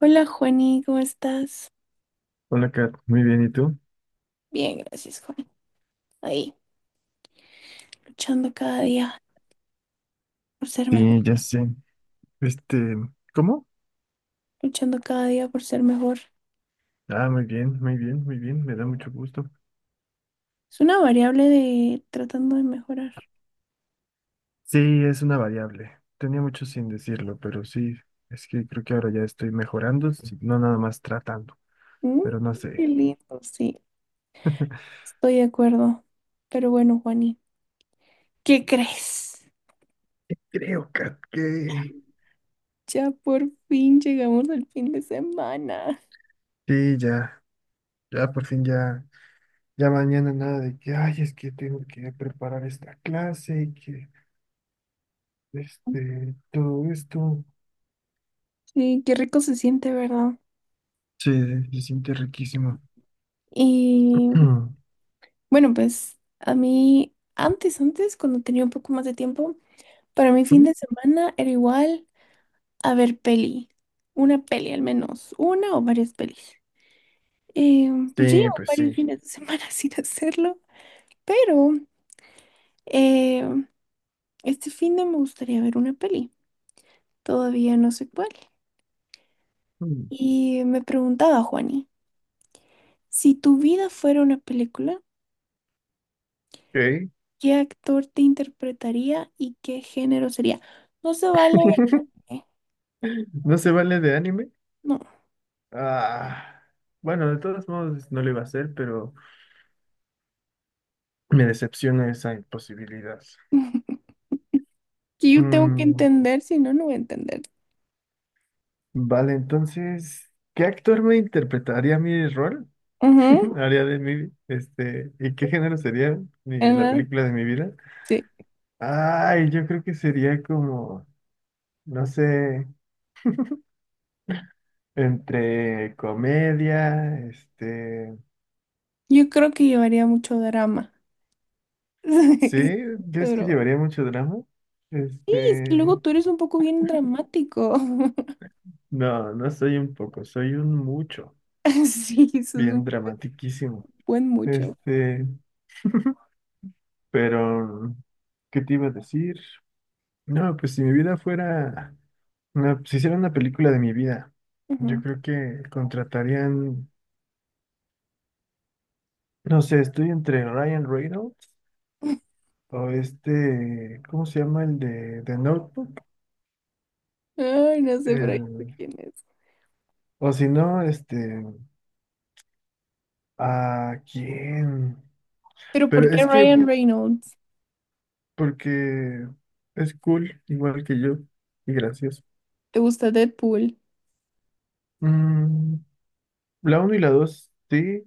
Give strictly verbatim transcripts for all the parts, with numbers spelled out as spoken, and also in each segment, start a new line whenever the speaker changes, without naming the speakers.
Hola, Juani, ¿cómo estás?
Hola, Kat. Muy bien, ¿y tú?
Bien, gracias, Juan. Ahí. Luchando cada día por ser mejor,
Sí, ya sé. Este, ¿cómo?
luchando cada día por ser mejor.
Ah, muy bien, muy bien, muy bien. Me da mucho gusto.
Es una variable de tratando de mejorar.
Sí, es una variable. Tenía mucho sin decirlo, pero sí, es que creo que ahora ya estoy mejorando, si no nada más tratando,
Mm,
pero no sé.
qué lindo, sí, estoy de acuerdo. Pero bueno, Juani, ¿qué crees?
Creo, Kat, que...
Ya por fin llegamos al fin de semana.
Sí, ya, ya por fin ya, ya mañana nada de que, ay, es que tengo que preparar esta clase y que, este, todo esto.
Sí, qué rico se siente, ¿verdad?
Sí, se siente riquísimo.
Y bueno, pues a mí, antes, antes, cuando tenía un poco más de tiempo, para mí fin de semana era igual. A ver, peli. Una peli al menos. Una o varias pelis. Eh, pues yo
Sí,
llevo
pues sí.
varios fines de semana sin hacerlo, pero eh, este fin de me gustaría ver una peli. Todavía no sé cuál.
Mm,
Y me preguntaba, Juani, si tu vida fuera una película,
ok.
¿qué actor te interpretaría y qué género sería? No se vale. eh,
¿No se vale de anime?
No.
Ah, bueno, de todos modos no lo iba a hacer, pero me decepciona esa imposibilidad.
Que yo tengo que
Mm,
entender, si no, no voy a entender.
vale, entonces, ¿qué actor me interpretaría mi rol?
Ujú,
¿Haría de mí? Este, ¿y qué género sería mi- la
ajá,
película de mi vida?
sí.
Ay, yo creo que sería como, no sé, entre comedia, este,
Yo creo que llevaría mucho drama.
¿sí?
Sí,
¿Crees que
pero
llevaría mucho drama?
sí, es que
Este,
luego tú eres un poco bien dramático.
no, no soy un poco, soy un mucho,
Sí, eso es un
bien dramatiquísimo.
buen mucho.
Este, pero, ¿qué te iba a decir? No, pues si mi vida fuera, una- si hiciera una película de mi vida, yo
Ujú.
creo que contratarían, no sé, estoy entre Ryan Reynolds o este, ¿cómo se llama el de, de Notebook?
Ay, no sé, pero ya sé
El-
quién es.
o si no, este, ¿a quién?
Pero
Pero
¿por qué
es que
Ryan Reynolds?
porque es cool, igual que yo, y gracioso.
¿Te gusta Deadpool?
Mm, la uno y la dos sí,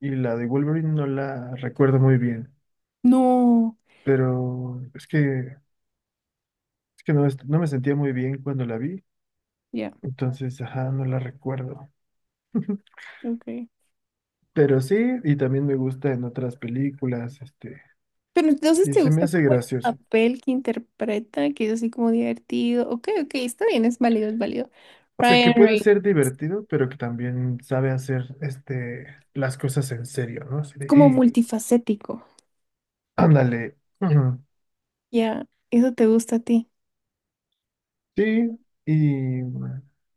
y la de Wolverine no la recuerdo muy bien,
No.
pero es que, es que no, est- no me sentía muy bien cuando la vi,
Ya,
entonces, ajá, no la recuerdo.
ok.
Pero sí, y también me gusta en otras películas, este,
Pero entonces
y
te
se me
gusta
hace
como el
gracioso.
papel que interpreta, que es así como divertido. Ok, ok, está bien, es válido, es válido.
O sea, que
Ryan
puede
Reynolds,
ser divertido, pero que también sabe hacer, este, las cosas en serio, ¿no? Así
como
de,
multifacético.
"Ah, ándale."
Ya, eso te gusta a ti.
Sí, y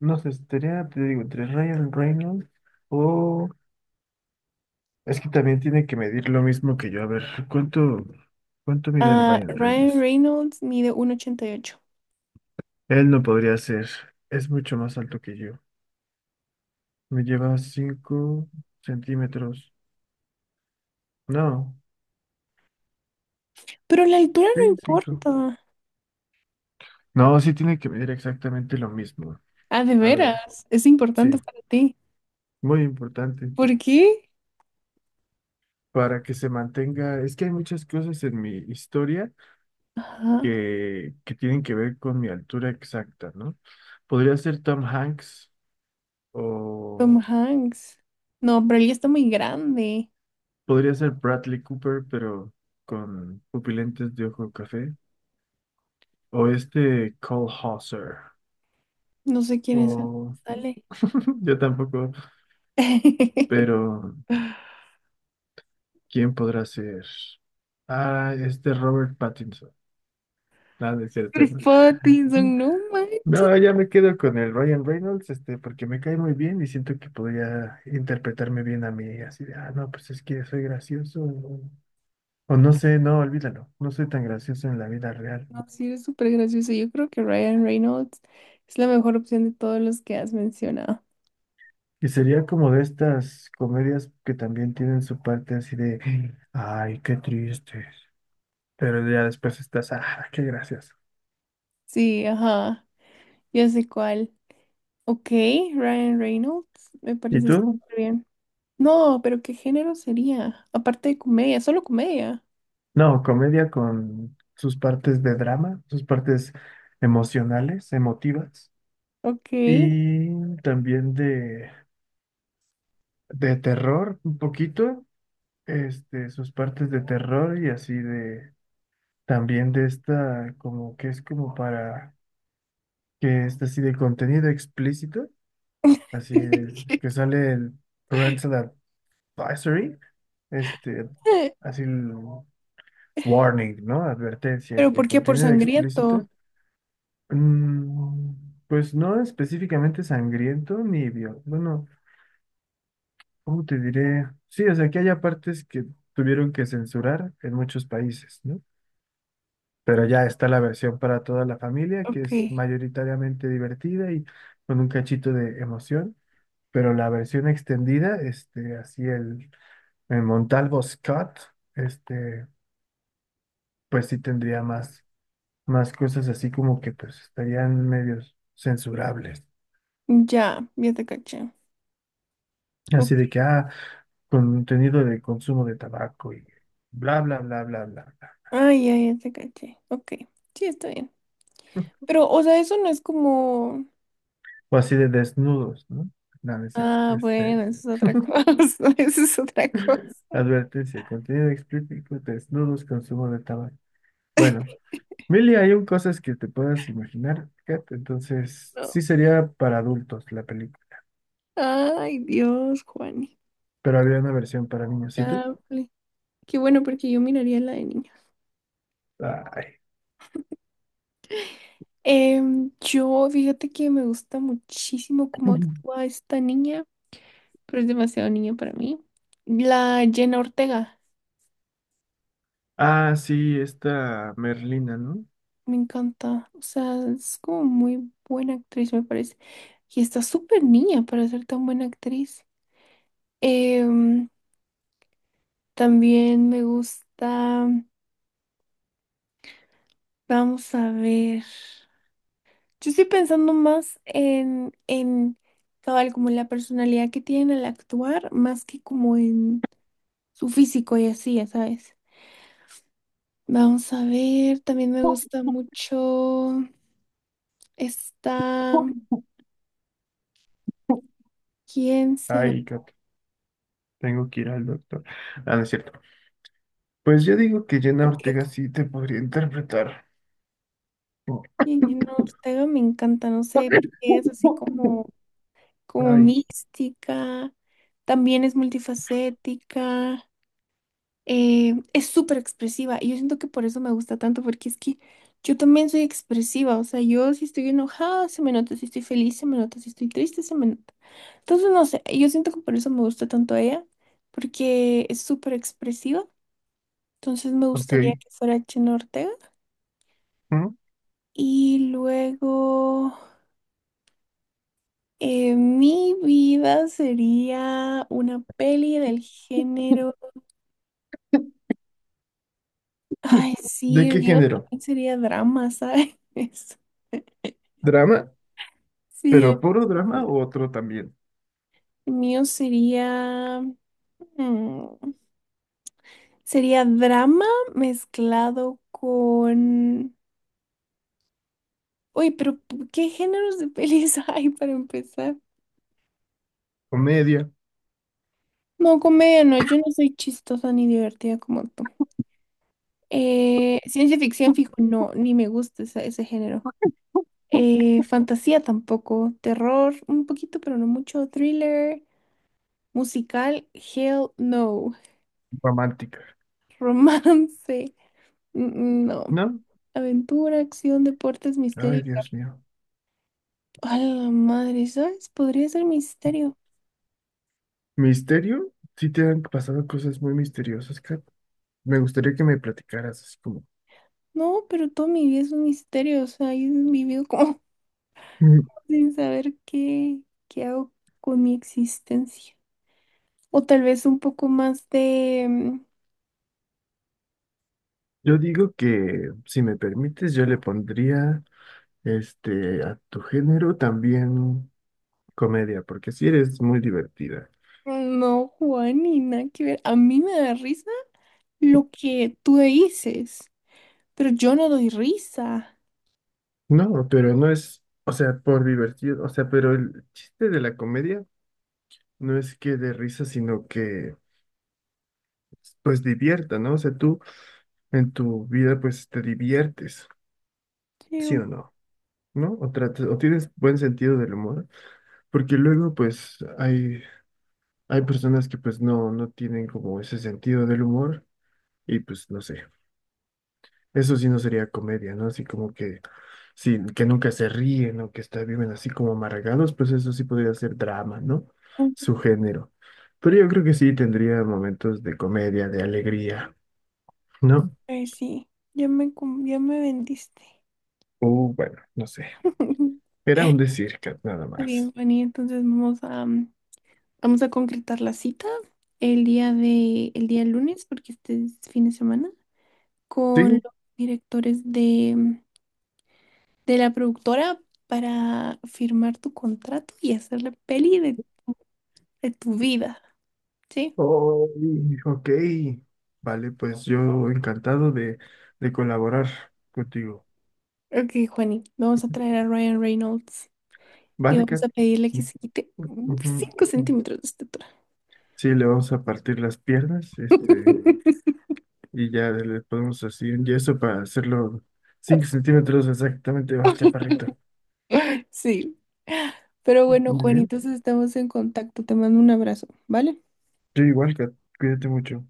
no sé, estaría, te digo, entre Ryan Reynolds o... Es que también tiene que medir lo mismo que yo. A ver, ¿cuánto, cuánto mide el
Ah,
Ryan
Ryan
Reynolds?
Reynolds mide uno ochenta y ocho.
Él no podría ser, es mucho más alto que yo. Me lleva cinco centímetros. No,
Pero la altura
sí,
no
cinco.
importa.
No, sí tiene que medir exactamente lo mismo.
Ah, de
A ver,
veras, es importante
sí,
para ti.
muy importante.
¿Por qué?
Para que se mantenga, es que hay muchas cosas en mi historia
Ajá,
que, que tienen que ver con mi altura exacta, ¿no? Podría ser Tom Hanks o
Tom Hanks. No, pero él ya está muy grande.
podría ser Bradley Cooper, pero con pupilentes de ojo café, o este Cole Hauser,
No sé quién es el
o
que sale.
yo tampoco, pero ¿quién podrá ser? Ah, este Robert Pattinson. Nada, es cierto.
Chris
¿No?
Pattinson, no man.
No, ya me quedo con el Ryan Reynolds, este, porque me cae muy bien y siento que podría interpretarme bien a mí, así de, ah, no, pues es que soy gracioso, o, o no sé, no, olvídalo, no soy tan gracioso en la vida real.
No, sí, es súper gracioso. Yo creo que Ryan Reynolds es la mejor opción de todos los que has mencionado.
Y sería como de estas comedias que también tienen su parte así de, ay, qué tristes, pero ya después estás, ah, qué gracioso.
Sí, ajá, ya sé cuál. Ok, Ryan Reynolds, me
¿Y
parece
tú?
súper bien. No, pero ¿qué género sería? Aparte de comedia, solo comedia.
No, comedia con sus partes de drama, sus partes emocionales, emotivas.
Ok.
Y también de, de terror un poquito, este, sus partes de terror y así de, también de esta, como que es como para, que es así de contenido explícito, así de- que sale el parental advisory, este, así el warning, ¿no? Advertencia,
¿Pero
este,
por qué? Por
contenido
sangriento.
explícito. Mm, pues no específicamente sangriento ni violento, bueno. ¿Cómo te diré? Sí, o sea, que haya partes que tuvieron que censurar en muchos países, ¿no? Pero ya está la versión para toda la familia, que es
Ok.
mayoritariamente divertida y con un cachito de emoción. Pero la versión extendida, este, así el, el Montalvo Scott, este, pues sí tendría más, más cosas así como que pues estarían medios censurables.
Ya, ya te caché. Ok.
Así de que, ah, contenido de consumo de tabaco y bla, bla, bla, bla, bla.
Ay, ya, ya te caché. Ok. Sí, está bien. Pero, o sea, eso no es como.
O así de desnudos, ¿no? No, no es cierto.
Ah, bueno,
Este,
eso es otra cosa. Eso es otra cosa.
advertencia, contenido explícito, desnudos, consumo de tabaco. Bueno, Milly, hay un cosas que te puedas imaginar, Kat, entonces
No.
sí sería para adultos la película,
Ay, Dios, Juani.
pero había una versión para niños. ¿Y tú?
Chale. Qué bueno, porque yo miraría la de niña.
Ay.
Em, yo, fíjate que me gusta muchísimo cómo actúa esta niña, pero es demasiado niño para mí. La Jenna Ortega,
Ah, sí, esta Merlina, ¿no?
me encanta. O sea, es como muy buena actriz, me parece. Y está súper niña para ser tan buena actriz. Em, también me gusta. Vamos a ver. Yo estoy pensando más en, en cabal, como la personalidad que tienen al actuar, más que como en su físico y así, ya sabes. Vamos a ver, también me gusta mucho esta. ¿Quién será?
Ay, Kat, tengo que ir al doctor. Ah, no es cierto. Pues yo digo que Jenna
Porque
Ortega sí te podría interpretar.
Jenna Ortega me encanta, no sé, porque es así como, como
Ay,
mística, también es multifacética, eh, es súper expresiva y yo siento que por eso me gusta tanto, porque es que yo también soy expresiva, o sea, yo si estoy enojada se me nota, si estoy feliz se me nota, si estoy triste se me nota. Entonces, no sé, yo siento que por eso me gusta tanto ella, porque es súper expresiva, entonces me
ok.
gustaría que fuera Jenna Ortega
¿Mm?
y luego... Eh, mi vida sería una peli del género. Ay, sí,
¿De
el
qué
mío
género?
también sería drama, ¿sabes?
¿Drama?
Sí,
¿Pero puro drama
el
o otro también?
mío sería. mm, sería drama mezclado con. Uy, pero ¿qué géneros de pelis hay para empezar?
¿Comedia?
No, comedia, no, yo no soy chistosa ni divertida como tú. Eh, ciencia ficción, fijo, no, ni me gusta esa- ese género. Eh, fantasía tampoco, terror un poquito, pero no mucho, thriller, musical, hell no,
¿Romántica?
romance, mm, mm, no,
¿No?
aventura, acción, deportes, misterio.
Ay,
Y
Dios mío.
a la madre, ¿sabes? Podría ser misterio.
¿Misterio? Sí te han pasado cosas muy misteriosas, Kat. Me gustaría que me platicaras así como...
No, pero toda mi vida es un misterio, o sea, he vivido como
Mm,
sin saber qué, qué hago con mi existencia. O tal vez un poco más de... mm,
yo digo que, si me permites, yo le pondría, este, a tu género también comedia, porque si eres muy divertida.
No, Juan, ni nada que ver. A mí me da risa lo que tú dices, pero yo no doy risa.
No, pero no es, o sea, por divertido, o sea, pero el chiste de la comedia no es que de risa, sino que pues divierta, ¿no? O sea, tú en tu vida pues te diviertes,
Sí,
¿sí
un
o no? ¿No? O tratas, o tienes buen sentido del humor, porque luego pues hay, hay personas que pues no, no tienen como ese sentido del humor y pues no sé. Eso sí no sería comedia, ¿no? Así como que, sí, que nunca se ríen o que está, viven así como amargados, pues eso sí podría ser drama, ¿no?
poco,
Su género. Pero yo creo que sí tendría momentos de comedia, de alegría. ¿No?
pues sí, ya me, cum- ya me vendiste.
O bueno, no sé. Era
Está
un decir, Kat, nada
bien,
más.
Fanny, entonces vamos a, mm, vamos a concretar la cita el día de, el día lunes, porque este es fin de semana, con
¿Sí?
los directores de, mm, de la productora para firmar tu contrato y hacer la peli de, de tu vida, ¿sí?
Oh, y- ok. Vale, pues yo encantado de, de colaborar contigo.
Ok, Juani, vamos a traer a Ryan Reynolds. Y
Vale,
vamos
Kat.
a pedirle que se quite
Ujú,
cinco
ujú.
centímetros de estatura.
Sí, le vamos a partir las piernas, este, y ya le podemos así un yeso para hacerlo cinco centímetros exactamente más chaparrito.
Sí. Pero
Muy
bueno, Juan,
bien.
entonces estamos en contacto. Te mando un abrazo, ¿vale?
Yo igual, Kat. Cuídate mucho.